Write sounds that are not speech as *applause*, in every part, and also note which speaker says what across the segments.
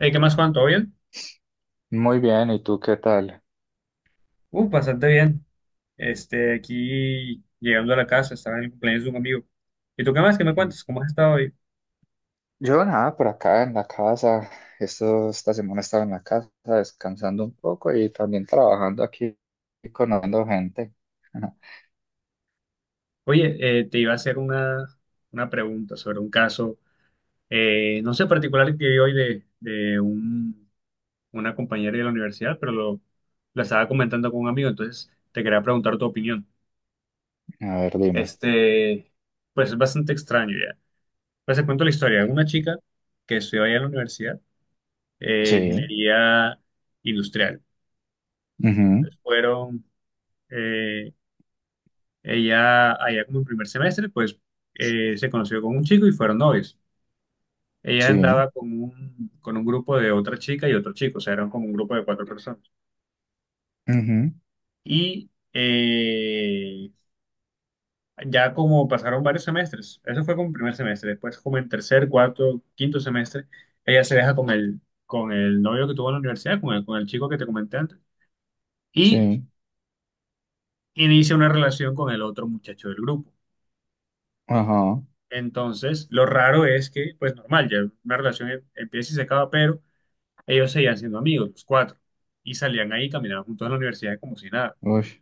Speaker 1: Hey, ¿qué más, Juan? ¿Todo bien?
Speaker 2: Muy bien, ¿y tú qué tal?
Speaker 1: Bastante bien. Aquí llegando a la casa, estaba en el cumpleaños de un amigo. ¿Y tú qué más? ¿Qué me cuentas?
Speaker 2: Mm.
Speaker 1: ¿Cómo has estado hoy?
Speaker 2: Yo nada, por acá en la casa. Esto, esta semana estaba en la casa descansando un poco y también trabajando aquí y conociendo gente. Ajá.
Speaker 1: Oye, te iba a hacer una pregunta sobre un caso, no sé, particular que vi hoy una compañera de la universidad, pero la estaba comentando con un amigo, entonces te quería preguntar tu opinión.
Speaker 2: A ver, dime.
Speaker 1: Este, pues es bastante extraño ya. Pues te cuento la historia. Una chica que estudió allá en la universidad,
Speaker 2: Sí,
Speaker 1: ingeniería industrial.
Speaker 2: ujú,
Speaker 1: Entonces, fueron eh, ella allá como en primer semestre, pues se conoció con un chico y fueron novios. Ella
Speaker 2: sí,
Speaker 1: andaba con con un grupo de otra chica y otro chico, o sea, eran como un grupo de cuatro personas.
Speaker 2: ujú,
Speaker 1: Y ya como pasaron varios semestres, eso fue como en primer semestre, después como en tercer, cuarto, quinto semestre, ella se deja con con el novio que tuvo en la universidad, con con el chico que te comenté antes, y
Speaker 2: sí,
Speaker 1: inicia una relación con el otro muchacho del grupo.
Speaker 2: ajá,
Speaker 1: Entonces, lo raro es que, pues normal, ya una relación empieza y se acaba, pero ellos seguían siendo amigos, los cuatro, y salían ahí, caminaban juntos a la universidad como si nada.
Speaker 2: uy.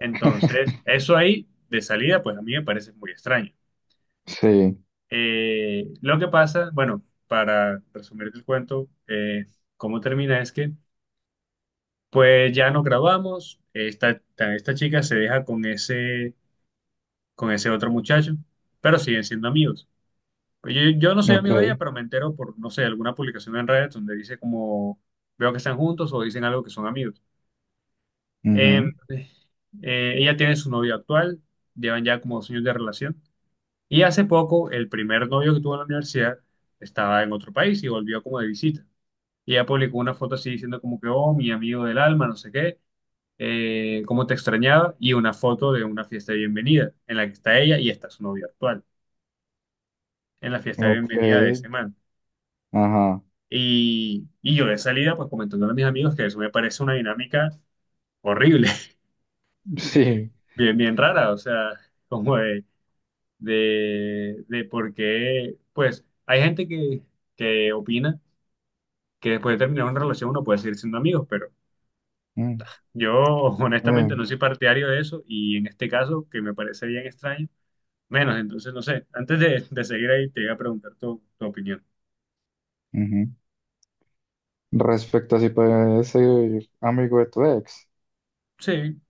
Speaker 1: Entonces,
Speaker 2: *laughs*
Speaker 1: eso ahí, de salida, pues a mí me parece muy extraño.
Speaker 2: Sí,
Speaker 1: Lo que pasa, bueno, para resumir el cuento, cómo termina es que, pues ya nos graduamos, esta chica se deja con con ese otro muchacho, pero siguen siendo amigos. Pues yo no soy
Speaker 2: ok,
Speaker 1: amigo de ella, pero me entero por, no sé, alguna publicación en redes donde dice como veo que están juntos o dicen algo que son amigos. Eh,
Speaker 2: ujú,
Speaker 1: ella tiene su novio actual, llevan ya como dos años de relación. Y hace poco, el primer novio que tuvo en la universidad estaba en otro país y volvió como de visita. Y ella publicó una foto así diciendo como que, oh, mi amigo del alma, no sé qué, cómo te extrañaba, y una foto de una fiesta de bienvenida en la que está ella y está su novio actual, en la fiesta de
Speaker 2: ok,
Speaker 1: bienvenida de ese man.
Speaker 2: ajá,
Speaker 1: Y yo de salida, pues comentándole a mis amigos que eso me parece una dinámica horrible, *laughs*
Speaker 2: sí.
Speaker 1: bien, bien rara, o sea, como de, de por qué, pues hay gente que opina que después de terminar una relación uno puede seguir siendo amigos, pero
Speaker 2: mm,
Speaker 1: yo *laughs* honestamente no
Speaker 2: eh,
Speaker 1: soy partidario de eso y en este caso, que me parece bien extraño, menos, entonces no sé, antes de seguir ahí te iba a preguntar tu opinión.
Speaker 2: ujú. Respecto a si puedes ser amigo de tu ex.
Speaker 1: Sí,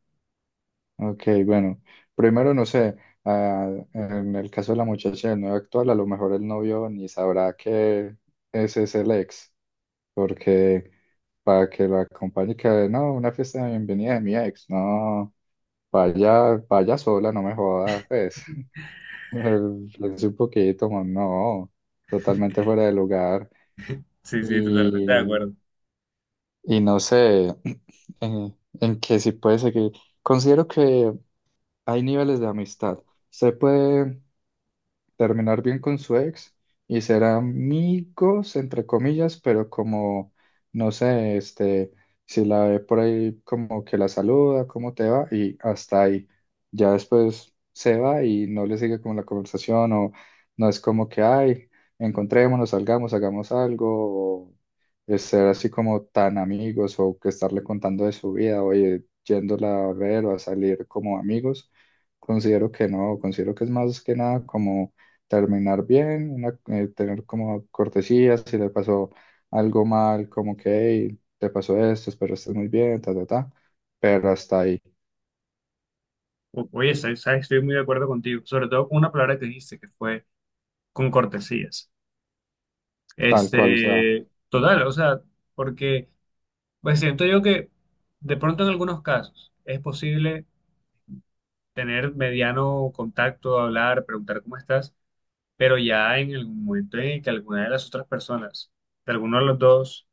Speaker 2: Ok, bueno, primero no sé, ah, en el caso de la muchacha del novio actual, a lo mejor el novio ni sabrá que ese es el ex, porque para que lo acompañe, que no, una fiesta de bienvenida de mi ex, no, vaya, vaya sola, no me joda, pues, *laughs* es un poquito, no, totalmente fuera de lugar,
Speaker 1: sí, sí, totalmente de
Speaker 2: y,
Speaker 1: acuerdo.
Speaker 2: y no sé, *clears throat* en, en que si puede seguir, considero que hay niveles de amistad, se puede terminar bien con su ex y ser amigos, entre comillas, pero como, no sé, este, si la ve por ahí, como que la saluda, cómo te va, y hasta ahí. Ya después se va y no le sigue como la conversación o no es como que, ay, encontrémonos, salgamos, hagamos algo, o es ser así como tan amigos o que estarle contando de su vida, oye, yéndola a ver o a salir como amigos. Considero que no, considero que es más que nada como terminar bien, tener como cortesías, si le pasó algo mal, como que, hey, te pasó esto, espero estés muy bien, ta, ta, ta, pero hasta ahí,
Speaker 1: Oye, sabes, estoy muy de acuerdo contigo, sobre todo con una palabra que dijiste, que fue con cortesías.
Speaker 2: tal cual, o sea,
Speaker 1: Este, total, o sea, porque pues siento yo que de pronto en algunos casos es posible tener mediano contacto, hablar, preguntar cómo estás, pero ya en el momento en el que alguna de las otras personas, de alguno de los dos,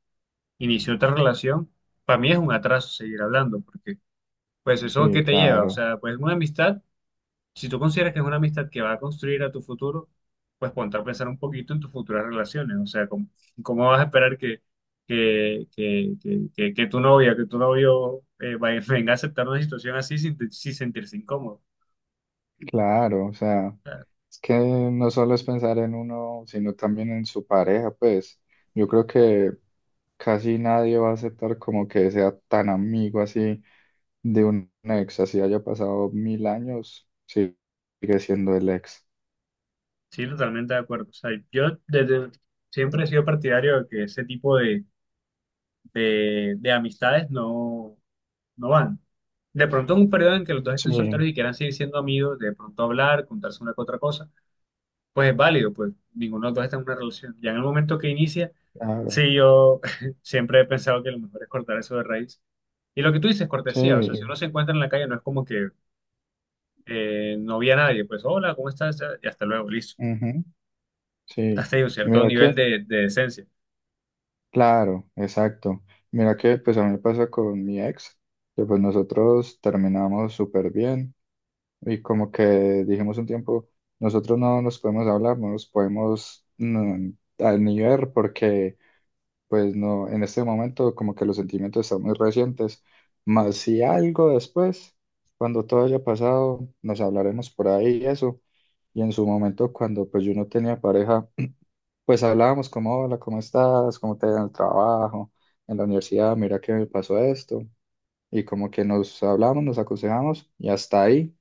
Speaker 1: inició otra relación, para mí es un atraso seguir hablando, porque pues eso
Speaker 2: sí,
Speaker 1: que te lleva, o
Speaker 2: claro,
Speaker 1: sea, pues una amistad. Si tú consideras que es una amistad que va a construir a tu futuro, pues ponte a pensar un poquito en tus futuras relaciones. O sea, ¿cómo, cómo vas a esperar que tu novia, que tu novio *laughs* venga a aceptar una situación así sin sentirse incómodo?
Speaker 2: claro, o sea, es que no solo es pensar en uno, sino también en su pareja, pues, yo creo que casi nadie va a aceptar como que sea tan amigo así de un ex, así haya pasado mil años, sí, sigue siendo el ex.
Speaker 1: Sí, totalmente de acuerdo. O sea, yo desde siempre he sido partidario de que ese tipo de amistades no van. De pronto es un periodo en que los dos
Speaker 2: Sí,
Speaker 1: estén solteros y quieran seguir siendo amigos, de pronto hablar, contarse una que otra cosa pues es válido, pues ninguno de los dos está en una relación. Ya en el momento que inicia,
Speaker 2: claro.
Speaker 1: sí, yo *laughs* siempre he pensado que lo mejor es cortar eso de raíz. Y lo que tú dices,
Speaker 2: Sí,
Speaker 1: cortesía, o sea, si uno se encuentra en la calle, no es como que no vi a nadie, pues hola, ¿cómo estás? Y hasta luego, listo.
Speaker 2: ujú, sí.
Speaker 1: Hasta ahí un
Speaker 2: Y
Speaker 1: cierto
Speaker 2: mira
Speaker 1: nivel
Speaker 2: que,
Speaker 1: de decencia.
Speaker 2: claro, exacto. Mira que pues a mí me pasa con mi ex, que pues nosotros terminamos súper bien y como que dijimos un tiempo, nosotros no nos podemos hablar, no nos podemos mm, a- ni ver porque pues no, en este momento como que los sentimientos están muy recientes. Más si algo después, cuando todo haya pasado, nos hablaremos por ahí y eso. Y en su momento, cuando pues yo no tenía pareja, pues hablábamos como, hola, ¿cómo estás? ¿Cómo te va en el trabajo? En la universidad, mira que me pasó esto. Y como que nos hablamos, nos aconsejamos y hasta ahí.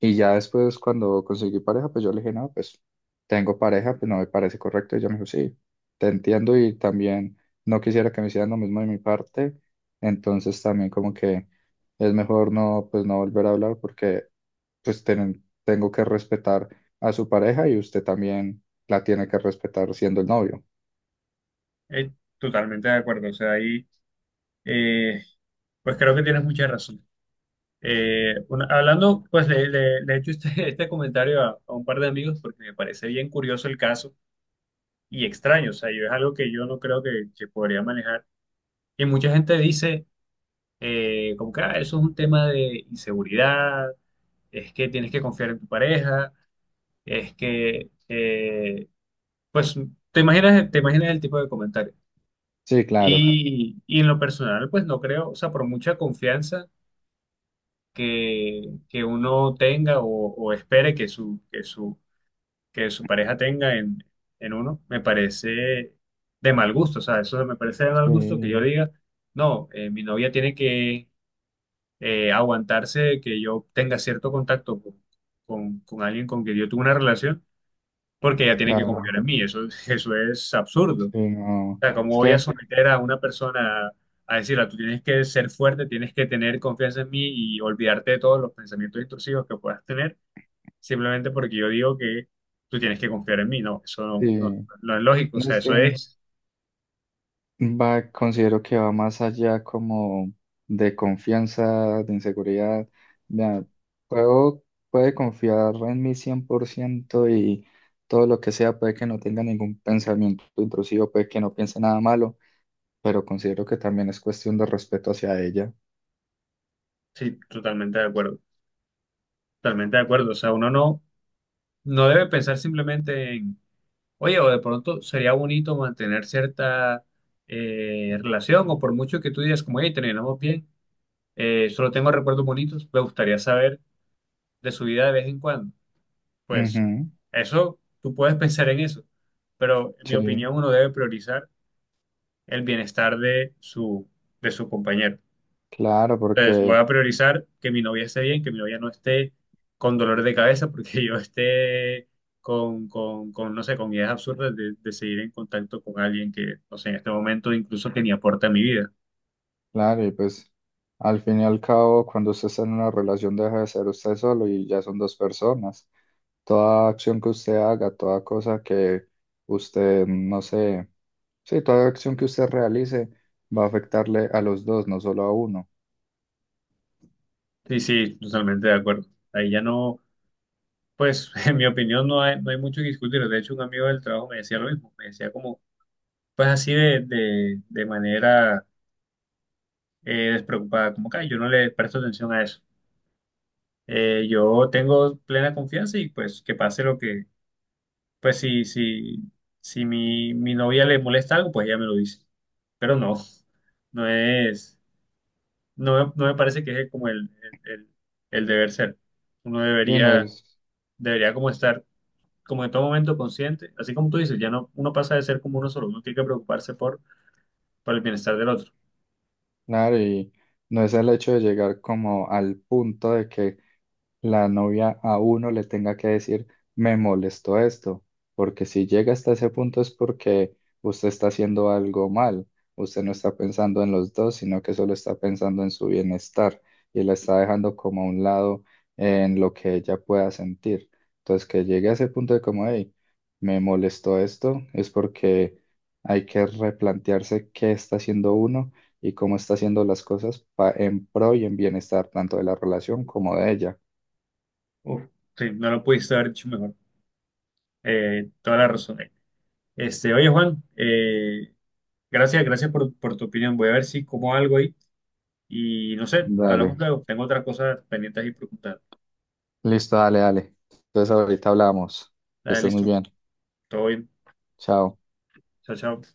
Speaker 2: Y ya después cuando conseguí pareja, pues yo le dije, no, pues tengo pareja, pues no me parece correcto. Y ella me dijo, sí, te entiendo y también no quisiera que me hicieran lo mismo de mi parte. Entonces también como que es mejor no, pues no volver a hablar porque pues tengo que respetar a su pareja y usted también la tiene que respetar siendo el novio.
Speaker 1: Eh, Totalmente de acuerdo, o sea, ahí, eh, pues creo que tienes mucha razón. Hablando, pues le he hecho este, *laughs* este comentario a un par de amigos porque me parece bien curioso el caso y extraño. O sea, yo es algo que yo no creo que podría manejar. Y mucha gente dice, como que "Ah, eso es un tema de inseguridad, es que tienes que confiar en tu pareja, es que, pues, te imaginas el tipo de comentario.
Speaker 2: Sí, claro,
Speaker 1: Y en lo personal, pues no creo, o sea, por mucha confianza que uno tenga o espere que que su pareja tenga en uno, me parece de mal gusto. O sea, eso me parece de mal gusto que yo
Speaker 2: sí,
Speaker 1: diga, no, mi novia tiene que aguantarse que yo tenga cierto contacto con, con alguien con quien yo tuve una relación, porque ella tiene que confiar
Speaker 2: claro,
Speaker 1: en mí. Eso, *laughs* eso es absurdo. O
Speaker 2: sí, no,
Speaker 1: sea, ¿cómo
Speaker 2: es
Speaker 1: voy a
Speaker 2: que,
Speaker 1: someter a una persona a decirle, tú tienes que ser fuerte, tienes que tener confianza en mí y olvidarte de todos los pensamientos intrusivos que puedas tener? Simplemente porque yo digo que tú tienes que confiar en mí, no, eso no,
Speaker 2: sí,
Speaker 1: no es lógico, o
Speaker 2: no
Speaker 1: sea,
Speaker 2: es que
Speaker 1: eso es,
Speaker 2: va, considero que va más allá como de confianza, de inseguridad. Vea, puedo, puede confiar en mí 100% y todo lo que sea, puede que no tenga ningún pensamiento intrusivo, puede que no piense nada malo, pero considero que también es cuestión de respeto hacia ella.
Speaker 1: sí, totalmente de acuerdo, o sea, uno no, no debe pensar simplemente en, oye, o de pronto sería bonito mantener cierta relación, o por mucho que tú digas, como, oye, terminamos bien, solo tengo recuerdos bonitos, me gustaría saber de su vida de vez en cuando, pues
Speaker 2: Ujú.
Speaker 1: eso, tú puedes pensar en eso, pero en mi
Speaker 2: Sí,
Speaker 1: opinión uno debe priorizar el bienestar de su compañero.
Speaker 2: claro,
Speaker 1: Entonces, voy
Speaker 2: porque...
Speaker 1: a priorizar que mi novia esté bien, que mi novia no esté con dolor de cabeza, *laughs* porque yo esté con, no sé, con ideas absurdas de seguir en contacto con alguien que, no sé, en este momento incluso que ni aporta a mi vida.
Speaker 2: Claro, y pues al fin y al cabo, cuando usted está en una relación deja de ser usted solo y ya son dos personas. Toda acción que usted haga, toda cosa que usted, no sé, sí, toda acción que usted realice va a afectarle a los dos, no solo a uno.
Speaker 1: Sí, totalmente de acuerdo. Ahí ya no, pues, *laughs* en mi opinión no hay, no hay mucho que discutir. De hecho, un amigo del trabajo me decía lo mismo, me decía como, pues así de, de manera despreocupada, como que "Ay, yo no le presto atención a eso. Yo tengo plena confianza y pues que pase lo que pues si, si mi novia le molesta algo, pues ella me lo dice. Pero no, no es, no, no me parece que es como el, el- el deber ser. Uno
Speaker 2: Sí, no
Speaker 1: debería,
Speaker 2: es,
Speaker 1: Debería como estar como en todo momento consciente, así como tú dices, ya no, uno pasa de ser como uno solo, uno tiene que preocuparse por el bienestar del otro.
Speaker 2: claro, y no es el hecho de llegar como al punto de que la novia a uno le tenga que decir, me molestó esto, porque si llega hasta ese punto es porque usted está haciendo algo mal, usted no está pensando en los dos, sino que solo está pensando en su bienestar y la está dejando como a un lado en lo que ella pueda sentir. Entonces, que llegue a ese punto de como, hey, me molestó esto, es porque hay que replantearse qué está haciendo uno y cómo está haciendo las cosas en pro y en bienestar tanto de la relación como de ella.
Speaker 1: Uf, sí, no lo pudiste haber dicho mejor. Toda la razón. Este, oye Juan, gracias, gracias por tu opinión. Voy a ver si como algo ahí. Y no sé, hablamos
Speaker 2: Dale,
Speaker 1: luego. Tengo otras cosas pendientes y preguntar.
Speaker 2: listo, dale, dale. Entonces ahorita hablamos. Que
Speaker 1: Dale,
Speaker 2: estés muy
Speaker 1: listo.
Speaker 2: bien.
Speaker 1: Todo bien.
Speaker 2: Chao.
Speaker 1: Chao, chao.